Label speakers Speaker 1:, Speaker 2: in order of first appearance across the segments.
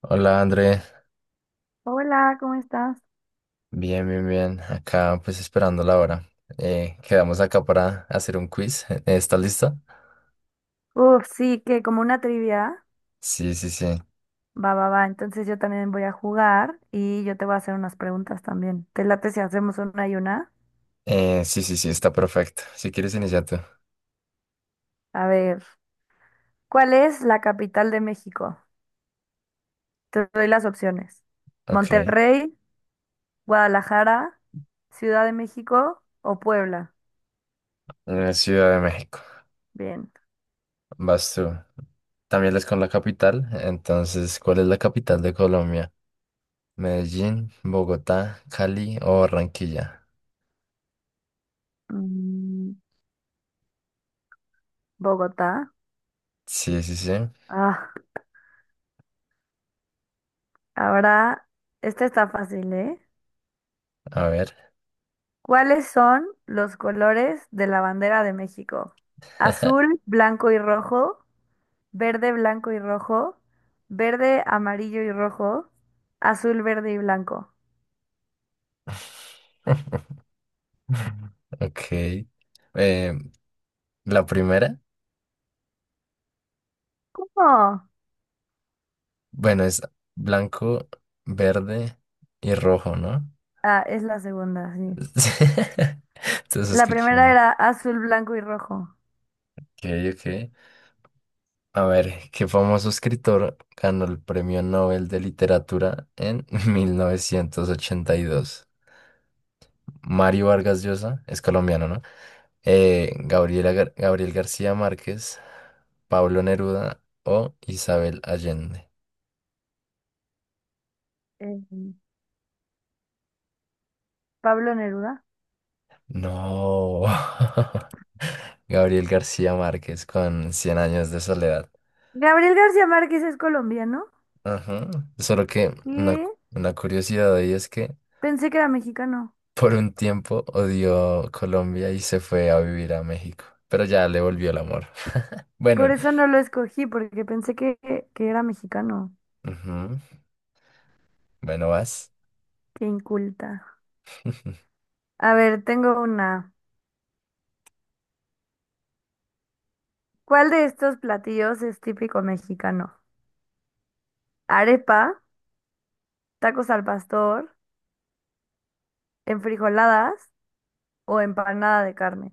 Speaker 1: Hola André,
Speaker 2: Hola, ¿cómo estás?
Speaker 1: bien, bien, bien. Acá pues esperando la hora. Quedamos acá para hacer un quiz. ¿Está lista?
Speaker 2: Uf, sí, que como una trivia.
Speaker 1: Sí, sí, sí.
Speaker 2: Va, va, va. Entonces yo también voy a jugar y yo te voy a hacer unas preguntas también. ¿Te late si hacemos una y una?
Speaker 1: Sí, sí, sí, está perfecto. Si quieres iniciar tú.
Speaker 2: A ver, ¿cuál es la capital de México? Te doy las opciones.
Speaker 1: Ok.
Speaker 2: Monterrey, Guadalajara, Ciudad de México o Puebla.
Speaker 1: Ciudad de México.
Speaker 2: Bien.
Speaker 1: Vas tú. También es con la capital. Entonces, ¿cuál es la capital de Colombia? Medellín, Bogotá, Cali o Barranquilla.
Speaker 2: Mm, Bogotá.
Speaker 1: Sí, sí, sí.
Speaker 2: Ah, ahora, esta está fácil, ¿eh?
Speaker 1: A ver.
Speaker 2: ¿Cuáles son los colores de la bandera de México? Azul, blanco y rojo, verde, blanco y rojo, verde, amarillo y rojo, azul, verde y blanco.
Speaker 1: Ok. Eh, la primera.
Speaker 2: ¿Cómo?
Speaker 1: Bueno, es blanco, verde y rojo, ¿no?
Speaker 2: Ah, es la segunda, sí.
Speaker 1: Entonces
Speaker 2: La primera
Speaker 1: escúchame.
Speaker 2: era azul, blanco y rojo.
Speaker 1: Ok, ok. A ver, ¿qué famoso escritor ganó el Premio Nobel de Literatura en 1982? Mario Vargas Llosa, es colombiano, ¿no? Gabriel García Márquez, Pablo Neruda o Isabel Allende.
Speaker 2: Eh, Pablo Neruda.
Speaker 1: No. Gabriel García Márquez con 100 años de soledad.
Speaker 2: Gabriel García Márquez es colombiano.
Speaker 1: Ajá. Solo que una,
Speaker 2: ¿Qué?
Speaker 1: una curiosidad ahí es que
Speaker 2: Pensé que era mexicano.
Speaker 1: por un tiempo odió Colombia y se fue a vivir a México, pero ya le volvió el amor.
Speaker 2: Por
Speaker 1: Bueno,
Speaker 2: eso no lo escogí, porque pensé que era mexicano.
Speaker 1: ujú, bueno, vas.
Speaker 2: Qué inculta. A ver, tengo una. ¿Cuál de estos platillos es típico mexicano? ¿Arepa, tacos al pastor, enfrijoladas o empanada de carne?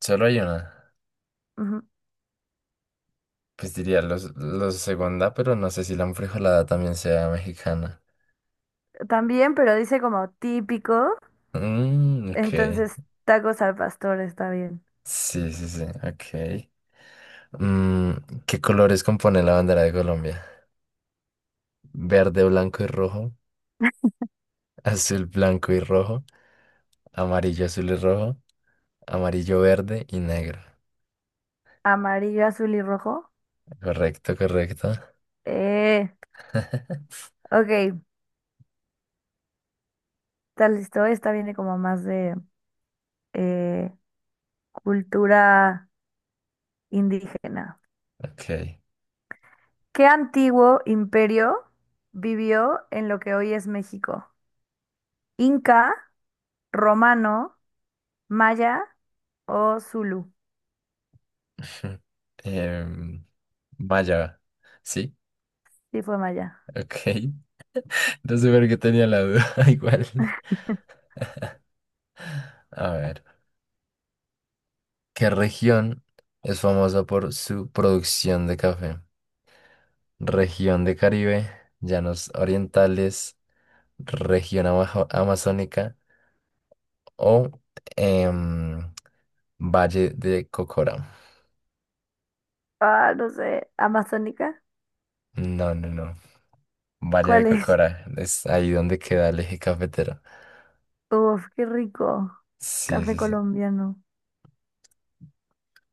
Speaker 1: Solo hay una.
Speaker 2: Ujú.
Speaker 1: Pues diría los segunda, pero no sé si la enfrijolada también sea mexicana.
Speaker 2: También, pero dice como típico,
Speaker 1: Mm, ok.
Speaker 2: entonces tacos al pastor está bien.
Speaker 1: Sí, sí, sí, ok. Mm, ¿Qué colores compone la bandera de Colombia? Verde, blanco y rojo, azul, blanco y rojo, amarillo, azul y rojo. Amarillo, verde y negro.
Speaker 2: Amarillo, azul y rojo.
Speaker 1: Correcto, correcto.
Speaker 2: Eh, ok, está listo. Esta viene como más de eh, cultura indígena.
Speaker 1: Ok.
Speaker 2: ¿Qué antiguo imperio vivió en lo que hoy es México? ¿Inca, romano? ¿Maya o Zulu?
Speaker 1: Em, vaya. Sí,
Speaker 2: Sí, fue Maya.
Speaker 1: ok. No sé por qué tenía la duda igual. A ver. ¿Qué región es famosa por su producción de café? Región de Caribe, llanos orientales, región amazónica o em, Valle de Cocora.
Speaker 2: Ah, no sé. ¿Amazónica?
Speaker 1: No, no, no. Valle de
Speaker 2: ¿Cuál es?
Speaker 1: Cocora, es ahí donde queda el eje cafetero.
Speaker 2: Uf, qué rico.
Speaker 1: Sí,
Speaker 2: Café
Speaker 1: sí, sí.
Speaker 2: colombiano.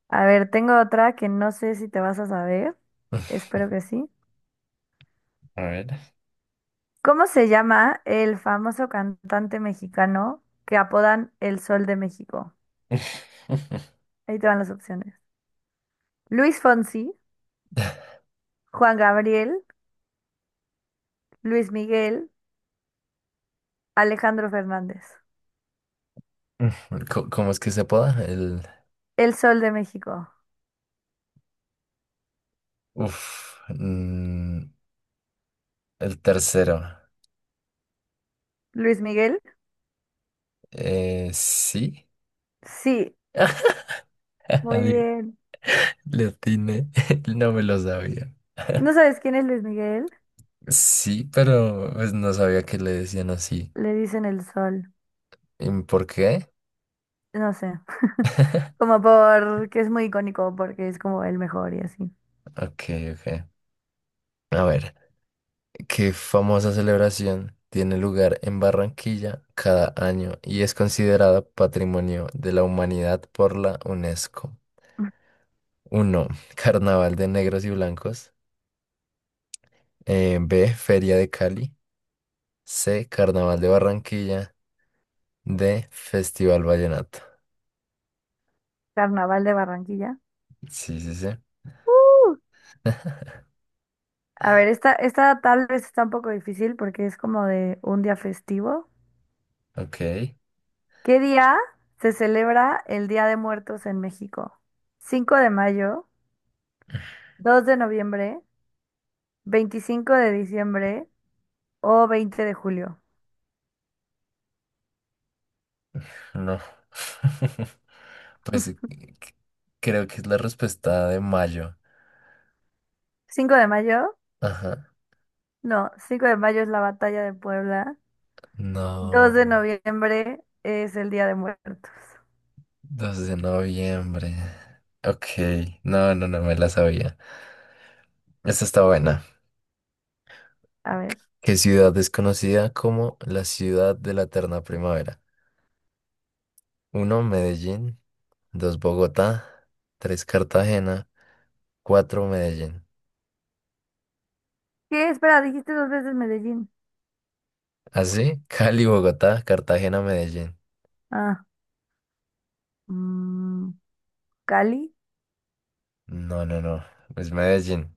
Speaker 2: A ver, tengo otra que no sé si te vas a saber. Espero que sí.
Speaker 1: A ver.
Speaker 2: ¿Cómo se llama el famoso cantante mexicano que apodan El Sol de México? Ahí te van las opciones. Luis Fonsi, Juan Gabriel, Luis Miguel, Alejandro Fernández.
Speaker 1: ¿Cómo es que se apoda?
Speaker 2: El Sol de México.
Speaker 1: Uf, mm, el tercero.
Speaker 2: Luis Miguel.
Speaker 1: Sí.
Speaker 2: Sí, muy
Speaker 1: Adi-
Speaker 2: bien.
Speaker 1: le atiné. No me lo sabía.
Speaker 2: ¿No sabes quién es Luis Miguel?
Speaker 1: Sí, pero pues, no sabía que le decían así.
Speaker 2: Le dicen el sol.
Speaker 1: ¿Y por qué?
Speaker 2: No sé. Como porque es muy icónico, porque es como el mejor y así.
Speaker 1: Ok, ok. A ver. ¿Qué famosa celebración tiene lugar en Barranquilla cada año y es considerada Patrimonio de la Humanidad por la UNESCO? Uno. Carnaval de Negros y Blancos. B. Feria de Cali. C. Carnaval de Barranquilla. D. Festival Vallenato.
Speaker 2: Carnaval de Barranquilla.
Speaker 1: Sí, sí, sí.
Speaker 2: ¡Uh! A ver, esta tal vez está un poco difícil porque es como de un día festivo.
Speaker 1: Ok,
Speaker 2: ¿Qué día se celebra el Día de Muertos en México? 5 de mayo, 2 de noviembre, 25 de diciembre o 20 de julio.
Speaker 1: no. Pues creo que es la respuesta de mayo.
Speaker 2: 5 de mayo,
Speaker 1: Ajá.
Speaker 2: no, 5 de mayo es la batalla de Puebla. 2
Speaker 1: No.
Speaker 2: de noviembre es el Día de Muertos.
Speaker 1: 2 de noviembre. Ok, no, no, no me la sabía. Esta está buena.
Speaker 2: A ver.
Speaker 1: ¿Qué ciudad es conocida como la ciudad de la eterna primavera? Uno, Medellín; dos, Bogotá; tres, Cartagena; cuatro, Medellín.
Speaker 2: ¿Qué? Espera, dijiste dos veces Medellín.
Speaker 1: Así, Cali, Bogotá, Cartagena, Medellín.
Speaker 2: Ah, mm, Cali.
Speaker 1: No, no, no, es Medellín.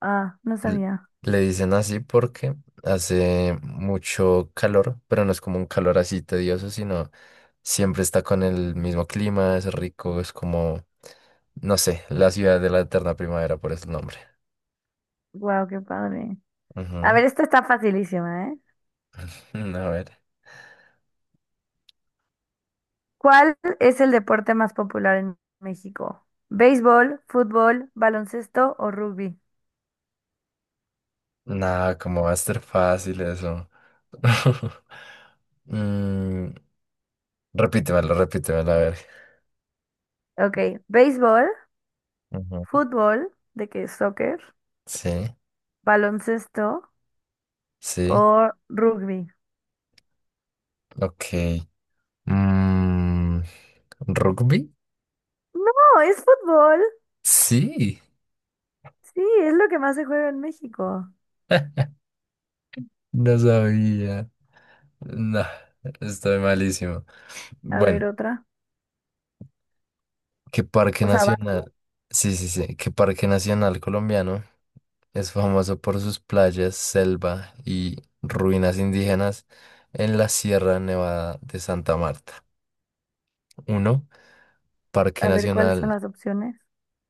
Speaker 2: Ah, no
Speaker 1: L-
Speaker 2: sabía.
Speaker 1: Le dicen así porque hace mucho calor, pero no es como un calor así tedioso, sino siempre está con el mismo clima, es rico, es como, no sé, la ciudad de la eterna primavera, por ese nombre.
Speaker 2: Wow, qué padre. A
Speaker 1: Ujú.
Speaker 2: ver, esta está facilísima, ¿eh?
Speaker 1: A ver.
Speaker 2: ¿Cuál es el deporte más popular en México? ¿Béisbol, fútbol, baloncesto o rugby?
Speaker 1: ¿Nada, como va a ser fácil eso? Mm, repítemelo, repítemelo, a ver.
Speaker 2: Ok, béisbol,
Speaker 1: Ujú.
Speaker 2: fútbol, de que es soccer,
Speaker 1: Sí,
Speaker 2: baloncesto
Speaker 1: sí,
Speaker 2: o rugby.
Speaker 1: ok. Mm, ¿Rugby?
Speaker 2: No, es fútbol.
Speaker 1: Sí.
Speaker 2: Sí, es lo que más se juega en México.
Speaker 1: No sabía. No, estoy malísimo.
Speaker 2: A ver
Speaker 1: Bueno,
Speaker 2: otra.
Speaker 1: ¿qué parque
Speaker 2: O sea, vas tú.
Speaker 1: nacional? Sí, sí, sí. ¿Qué parque nacional colombiano es famoso por sus playas, selva y ruinas indígenas en la Sierra Nevada de Santa Marta? Uno, Parque
Speaker 2: A ver cuáles son
Speaker 1: Nacional,
Speaker 2: las opciones.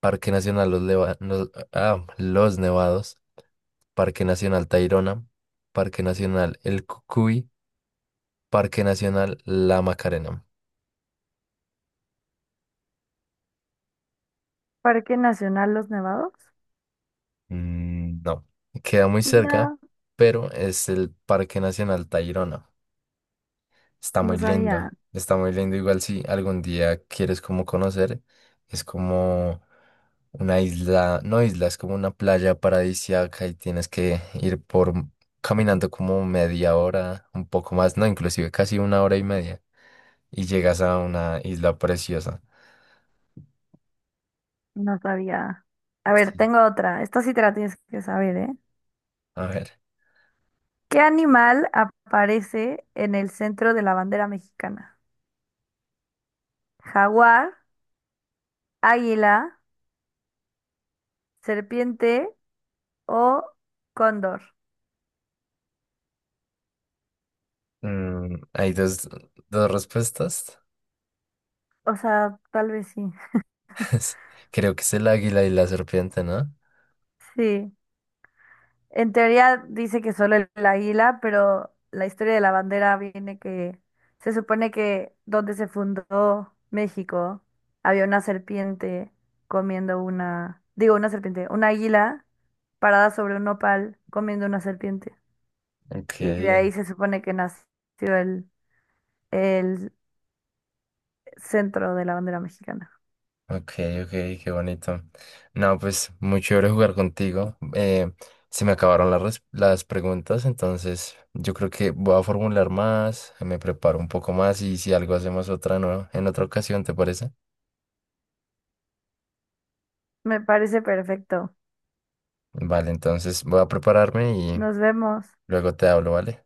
Speaker 1: Parque Nacional Los, Leva- Los- ah, Los Nevados, Parque Nacional Tayrona, Parque Nacional El Cucuy, Parque Nacional La Macarena.
Speaker 2: Parque Nacional Los Nevados.
Speaker 1: Mm, no, queda muy cerca,
Speaker 2: No,
Speaker 1: pero es el Parque Nacional Tayrona. Está
Speaker 2: no
Speaker 1: muy
Speaker 2: sabía,
Speaker 1: lindo, está muy lindo. Igual si algún día quieres como conocer, es como una isla, no isla, es como una playa paradisíaca y tienes que ir por caminando como media hora, un poco más, no, inclusive casi una hora y media y llegas a una isla preciosa.
Speaker 2: no sabía. A ver,
Speaker 1: Sí.
Speaker 2: tengo otra. Esta sí te la tienes que saber, ¿eh?
Speaker 1: A ver,
Speaker 2: ¿Qué animal aparece en el centro de la bandera mexicana? ¿Jaguar, águila, serpiente o cóndor?
Speaker 1: hay dos respuestas.
Speaker 2: O sea, tal vez sí.
Speaker 1: Creo que es el águila y la serpiente, ¿no?
Speaker 2: Sí. En teoría dice que solo el, águila, pero la historia de la bandera viene que se supone que donde se fundó México había una serpiente comiendo una, digo una serpiente, una águila parada sobre un nopal comiendo una serpiente.
Speaker 1: Ok,
Speaker 2: Y de ahí se supone que nació el, el centro de la bandera mexicana.
Speaker 1: ok, ok, qué bonito. No, pues muy chévere jugar contigo. Se me acabaron las preguntas, entonces yo creo que voy a formular más, me preparo un poco más y si algo hacemos otra nueva en otra ocasión, ¿te parece?
Speaker 2: Me parece perfecto.
Speaker 1: Vale, entonces voy a prepararme y
Speaker 2: Nos vemos.
Speaker 1: luego te hablo, ¿vale?